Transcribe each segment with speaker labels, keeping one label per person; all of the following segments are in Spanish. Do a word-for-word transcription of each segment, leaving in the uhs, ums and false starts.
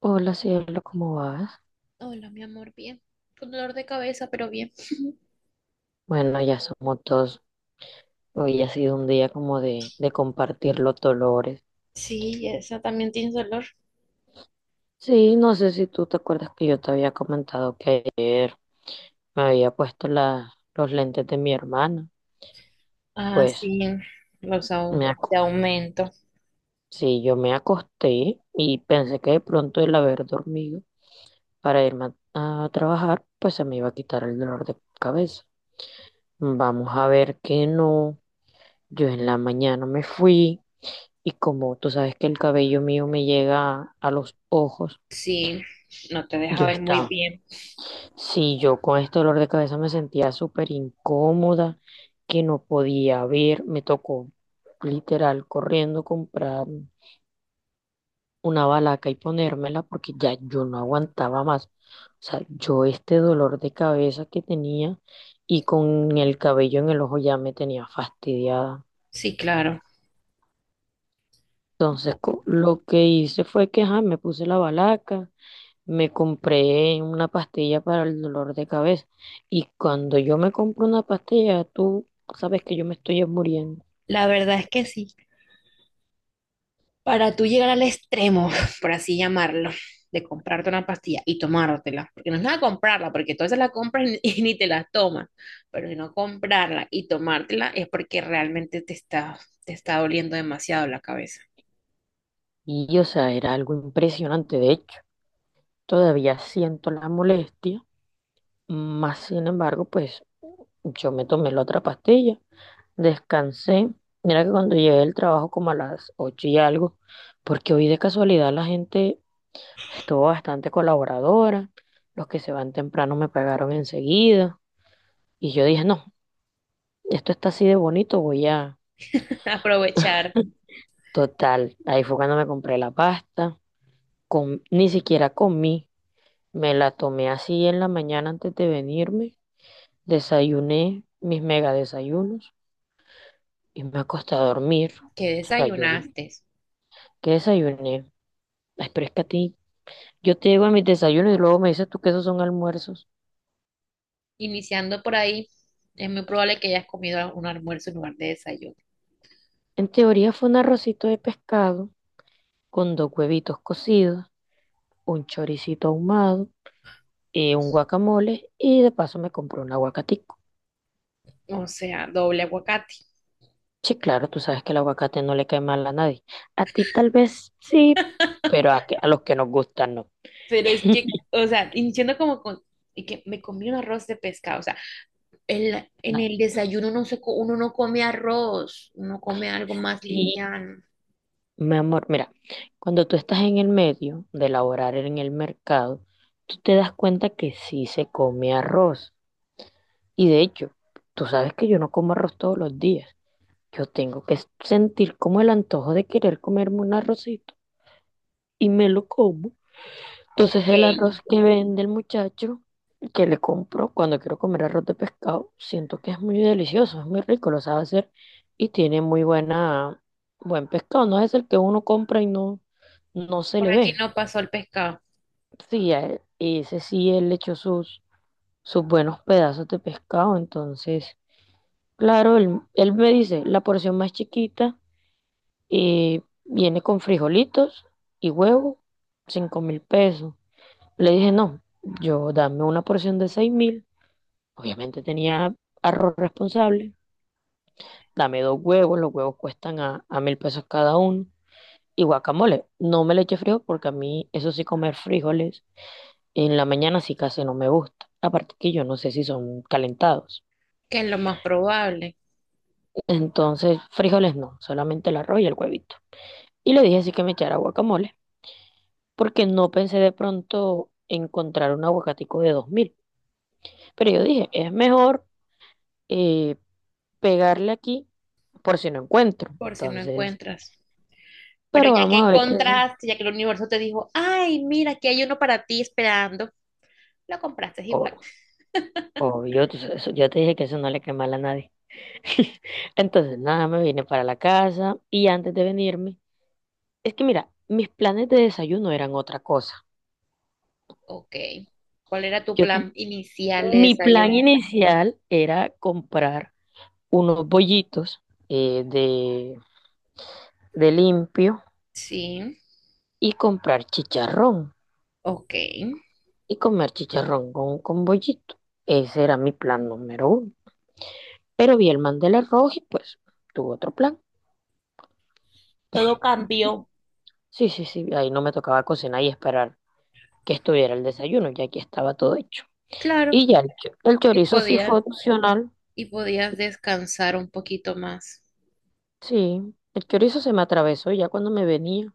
Speaker 1: Hola cielo, ¿cómo vas?
Speaker 2: Hola, mi amor, bien. Con dolor de cabeza, pero bien.
Speaker 1: Bueno, ya somos dos. Hoy ha sido un día como de, de compartir los dolores.
Speaker 2: Sí, esa también tiene dolor.
Speaker 1: Sí, no sé si tú te acuerdas que yo te había comentado que ayer me había puesto la, los lentes de mi hermana.
Speaker 2: Ah,
Speaker 1: Pues
Speaker 2: sí, los au-
Speaker 1: me, ac-
Speaker 2: de aumento.
Speaker 1: sí, yo me acosté y pensé que de pronto el haber dormido para irme a, a trabajar, pues se me iba a quitar el dolor de cabeza. Vamos a ver que no. Yo en la mañana me fui. Y como tú sabes que el cabello mío me llega a los ojos,
Speaker 2: Sí, no te deja
Speaker 1: yo
Speaker 2: ver muy
Speaker 1: estaba,
Speaker 2: bien.
Speaker 1: sí, yo con este dolor de cabeza me sentía súper incómoda, que no podía ver, me tocó literal corriendo comprar una balaca y ponérmela porque ya yo no aguantaba más. O sea, yo este dolor de cabeza que tenía y con el cabello en el ojo ya me tenía fastidiada.
Speaker 2: Sí, claro.
Speaker 1: Entonces, co- lo que hice fue que ajá, me puse la balaca, me compré una pastilla para el dolor de cabeza. Y cuando yo me compro una pastilla, tú sabes que yo me estoy muriendo.
Speaker 2: La verdad es que sí. Para tú llegar al extremo, por así llamarlo, de comprarte una pastilla y tomártela, porque no es nada comprarla, porque tú se la compras y, y ni te la tomas, pero si no comprarla y tomártela es porque realmente te está, te está doliendo demasiado la cabeza.
Speaker 1: Y, o sea, era algo impresionante. De hecho, todavía siento la molestia. Más sin embargo, pues yo me tomé la otra pastilla, descansé. Mira que cuando llegué del trabajo como a las ocho y algo, porque hoy de casualidad la gente estuvo bastante colaboradora. Los que se van temprano me pagaron enseguida. Y yo dije, no. Esto está así de bonito, voy a...
Speaker 2: Aprovechar.
Speaker 1: Total, ahí fue cuando me compré la pasta, com- ni siquiera comí, me la tomé así en la mañana antes de venirme, desayuné mis mega desayunos y me acosté a dormir.
Speaker 2: ¿Qué
Speaker 1: O sea, yo,
Speaker 2: desayunaste?
Speaker 1: ¿qué desayuné? Ay, pero es que a ti, yo te digo a mis desayunos y luego me dices tú que esos son almuerzos.
Speaker 2: Iniciando por ahí, es muy probable que hayas comido un almuerzo en lugar de desayuno.
Speaker 1: En teoría fue un arrocito de pescado con dos huevitos cocidos, un choricito ahumado, eh, un guacamole y de paso me compré un aguacate.
Speaker 2: O sea, doble aguacate.
Speaker 1: Sí, claro, tú sabes que el aguacate no le cae mal a nadie. A ti tal vez sí, pero a, que- a los que nos gustan no.
Speaker 2: Pero es que, o sea, iniciando como con, y que me comí un arroz de pescado. O sea, el- en
Speaker 1: A
Speaker 2: el desayuno no se, co- uno no come arroz, uno come algo más
Speaker 1: ti
Speaker 2: liviano.
Speaker 1: mi amor, mira, cuando tú estás en el medio de elaborar en el mercado, tú te das cuenta que sí se come arroz. Y de hecho, tú sabes que yo no como arroz todos los días. Yo tengo que sentir como el antojo de querer comerme un arrocito y me lo como. Entonces
Speaker 2: Ok,
Speaker 1: el arroz que vende el muchacho, que le compro cuando quiero comer arroz de pescado, siento que es muy delicioso, es muy rico, lo sabe hacer y tiene muy buena, buen pescado. No es el que uno compra y no, no se
Speaker 2: por
Speaker 1: le
Speaker 2: aquí
Speaker 1: ve.
Speaker 2: no pasó el pescado,
Speaker 1: Sí, a él- ese sí, él le echó sus, sus buenos pedazos de pescado. Entonces, claro, él, él me dice, la porción más chiquita eh, viene con frijolitos y huevo, cinco mil pesos. Le dije, no, yo dame una porción de seis mil. Obviamente tenía arroz responsable. Dame dos huevos, los huevos cuestan a, a mil pesos cada uno. Y guacamole, no me le eche frijol porque a mí, eso sí, comer frijoles en la mañana sí casi no me gusta. Aparte que yo no sé si son calentados.
Speaker 2: que es lo más probable,
Speaker 1: Entonces, frijoles no, solamente el arroz y el huevito. Y le dije así que me echara guacamole, porque no pensé de pronto encontrar un aguacatico de dos mil. Pero yo dije, es mejor eh, pegarle aquí por si no encuentro.
Speaker 2: por si no
Speaker 1: Entonces,
Speaker 2: encuentras. Pero
Speaker 1: pero
Speaker 2: ya que
Speaker 1: vamos a ver qué.
Speaker 2: encontraste, ya que el universo te dijo, ay, mira, aquí hay uno para ti esperando, lo compraste igual.
Speaker 1: Ob- Obvio, tú sabes, eso- yo te dije que eso no le quema a nadie. Entonces, nada, me vine para la casa y antes de venirme, es que mira, mis planes de desayuno eran otra cosa.
Speaker 2: Ok. ¿Cuál era tu
Speaker 1: Yo
Speaker 2: plan
Speaker 1: ten-
Speaker 2: inicial de
Speaker 1: mi plan
Speaker 2: desayuno?
Speaker 1: inicial era comprar unos bollitos eh, de, de limpio
Speaker 2: Sí,
Speaker 1: y comprar chicharrón
Speaker 2: ok.
Speaker 1: y comer chicharrón con, con bollito. Ese era mi plan número uno. Pero vi el Mandela rojo y pues tuvo otro plan.
Speaker 2: Todo cambió.
Speaker 1: Sí, sí, sí, ahí no me tocaba cocinar y esperar que estuviera el desayuno, ya que estaba todo hecho.
Speaker 2: Claro,
Speaker 1: Y ya el, cho- el
Speaker 2: y
Speaker 1: chorizo sí fue
Speaker 2: podías
Speaker 1: opcional,
Speaker 2: y podías descansar un poquito más
Speaker 1: sí, el chorizo se me atravesó y ya cuando me venía,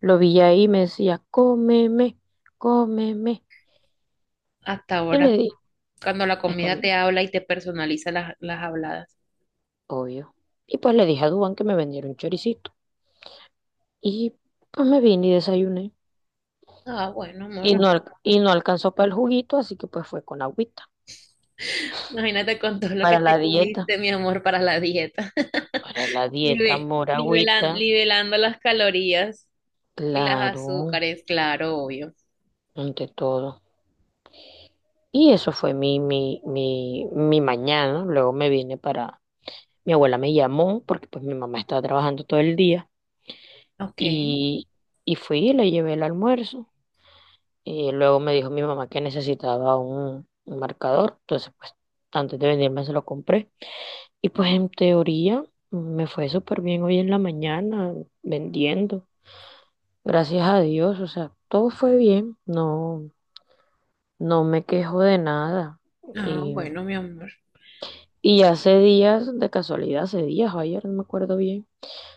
Speaker 1: lo vi ahí y me decía, cómeme, cómeme.
Speaker 2: hasta
Speaker 1: Y
Speaker 2: ahora,
Speaker 1: le dije,
Speaker 2: cuando la
Speaker 1: es que a
Speaker 2: comida
Speaker 1: mí,
Speaker 2: te habla y te personaliza las, las habladas.
Speaker 1: obvio. Y pues le dije a Dubán que me vendiera un choricito. Y pues me vine y desayuné.
Speaker 2: Ah, bueno,
Speaker 1: Y
Speaker 2: amor.
Speaker 1: no, al- y no alcanzó para el juguito, así que pues fue con agüita,
Speaker 2: Imagínate con todo lo que
Speaker 1: para la
Speaker 2: te
Speaker 1: dieta.
Speaker 2: comiste, mi amor, para la dieta.
Speaker 1: Para la dieta
Speaker 2: Nive-
Speaker 1: moragüita,
Speaker 2: nivelan- nivelando las calorías y las
Speaker 1: claro,
Speaker 2: azúcares, claro, obvio.
Speaker 1: ante todo. Y eso fue mi, mi, mi, mi mañana. Luego me vine para, mi abuela me llamó porque pues mi mamá estaba trabajando todo el día
Speaker 2: Ok.
Speaker 1: y, y fui y le llevé el almuerzo. Y luego me dijo mi mamá que necesitaba un, un marcador. Entonces, pues antes de venirme se lo compré. Y pues en teoría me fue súper bien hoy en la mañana vendiendo. Gracias a Dios, o sea, todo fue bien. No, No me quejo de nada.
Speaker 2: Ah,
Speaker 1: Y,
Speaker 2: bueno, mi amor.
Speaker 1: y hace días, de casualidad, hace días o ayer, no me acuerdo bien,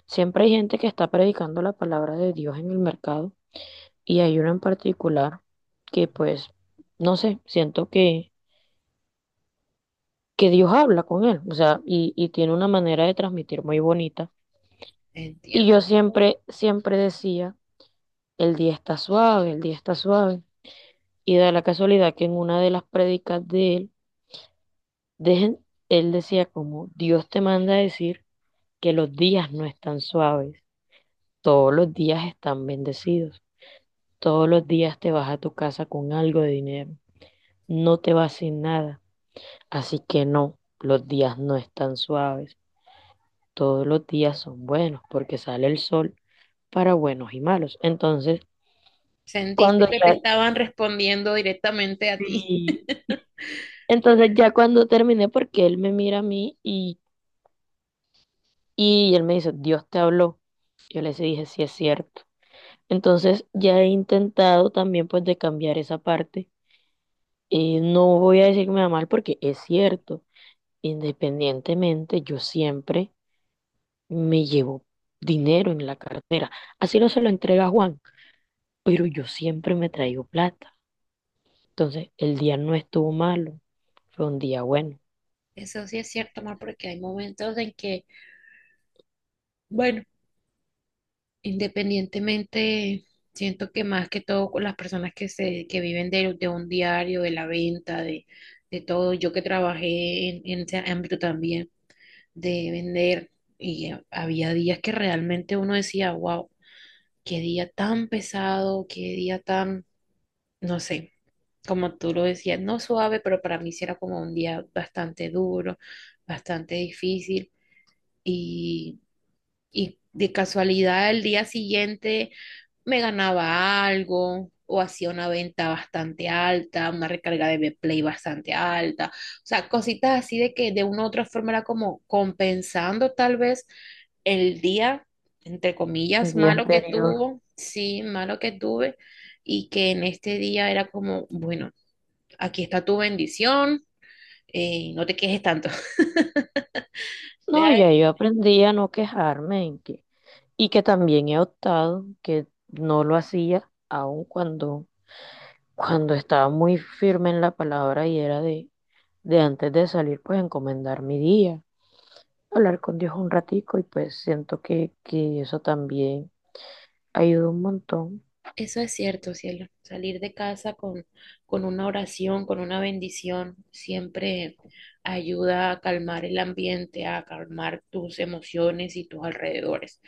Speaker 1: siempre hay gente que está predicando la palabra de Dios en el mercado y hay uno en particular que pues, no sé, siento que, que Dios habla con él, o sea, y, y tiene una manera de transmitir muy bonita. Y yo
Speaker 2: Entiendo.
Speaker 1: siempre, siempre decía, el día está suave, el día está suave. Y da la casualidad que en una de las prédicas de él, dejen, él decía como Dios te manda a decir que los días no están suaves, todos los días están bendecidos, todos los días te vas a tu casa con algo de dinero, no te vas sin nada, así que no, los días no están suaves, todos los días son buenos porque sale el sol para buenos y malos. Entonces, cuando
Speaker 2: Sentiste que te
Speaker 1: ya,
Speaker 2: estaban respondiendo directamente a ti.
Speaker 1: sí, entonces ya cuando terminé, porque él me mira a mí y, y él me dice, Dios te habló. Yo les dije, sí es cierto. Entonces ya he intentado también pues de cambiar esa parte. Y no voy a decir que me va mal porque es cierto, independientemente, yo siempre me llevo dinero en la cartera. Así no se lo entrega a Juan, pero yo siempre me traigo plata. Entonces, el día no estuvo malo, fue un día bueno.
Speaker 2: Eso sí es cierto, amor, porque hay momentos en que, bueno, independientemente, siento que más que todo con las personas que se, que viven de, de un diario, de la venta, de, de todo, yo que trabajé en, en ese ámbito también de vender, y había días que realmente uno decía, wow, qué día tan pesado, qué día tan, no sé, como tú lo decías, no suave, pero para mí sí era como un día bastante duro, bastante difícil y, y de casualidad el día siguiente me ganaba algo o hacía una venta bastante alta, una recarga de play bastante alta, o sea, cositas así de que de una u otra forma era como compensando tal vez el día, entre
Speaker 1: Un
Speaker 2: comillas,
Speaker 1: día
Speaker 2: malo que
Speaker 1: anterior.
Speaker 2: tuvo, sí, malo que tuve y que en este día era como, bueno, aquí está tu bendición, eh, no te quejes tanto.
Speaker 1: No,
Speaker 2: Deja
Speaker 1: ya
Speaker 2: de-
Speaker 1: yo aprendí a no quejarme en que, y que también he optado que no lo hacía, aun cuando, cuando estaba muy firme en la palabra y era de, de antes de salir, pues encomendar mi día, hablar con Dios un ratico y pues siento que, que eso también ayuda un montón.
Speaker 2: Eso es cierto, cielo. Salir de casa con, con una oración, con una bendición, siempre ayuda a calmar el ambiente, a calmar tus emociones y tus alrededores.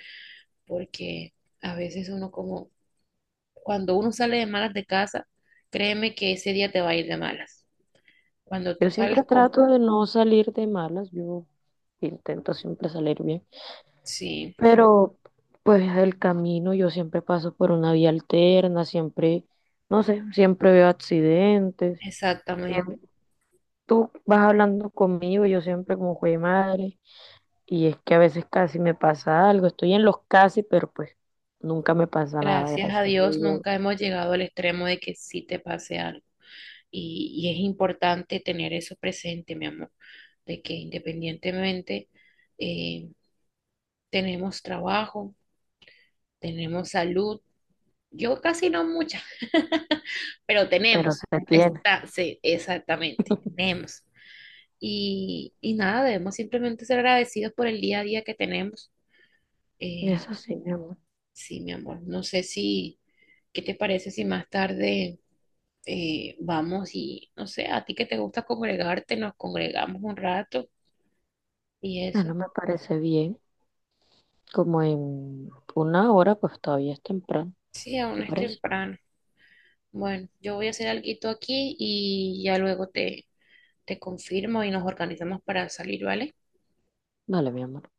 Speaker 2: Porque a veces uno como, cuando uno sale de malas de casa, créeme que ese día te va a ir de malas. Cuando
Speaker 1: Yo
Speaker 2: tú sales
Speaker 1: siempre
Speaker 2: con...
Speaker 1: trato de no salir de malas, yo intento siempre salir bien,
Speaker 2: Sí,
Speaker 1: pero pues el camino yo siempre paso por una vía alterna, siempre, no sé, siempre veo accidentes,
Speaker 2: exactamente.
Speaker 1: siempre, tú vas hablando conmigo, yo siempre como jue madre, y es que a veces casi me pasa algo, estoy en los casi, pero pues nunca me pasa nada,
Speaker 2: Gracias a
Speaker 1: gracias a
Speaker 2: Dios
Speaker 1: Dios,
Speaker 2: nunca hemos llegado al extremo de que sí te pase algo. Y, y es importante tener eso presente, mi amor, de que independientemente eh, tenemos trabajo, tenemos salud. Yo casi no mucha, pero
Speaker 1: pero se
Speaker 2: tenemos.
Speaker 1: tiene.
Speaker 2: Está, sí, exactamente, tenemos. Y, y nada, debemos simplemente ser agradecidos por el día a día que tenemos. Eh,
Speaker 1: Eso sí, mi amor.
Speaker 2: sí, mi amor, no sé si, ¿qué te parece si más tarde eh, vamos y, no sé, a ti que te gusta congregarte, nos congregamos un rato y
Speaker 1: Ah,
Speaker 2: eso?
Speaker 1: no me parece bien. Como en una hora, pues todavía es temprano.
Speaker 2: Sí, aún
Speaker 1: ¿Te
Speaker 2: es
Speaker 1: parece?
Speaker 2: temprano. Bueno, yo voy a hacer alguito aquí y ya luego te, te confirmo y nos organizamos para salir, ¿vale?
Speaker 1: Vale, mi amor.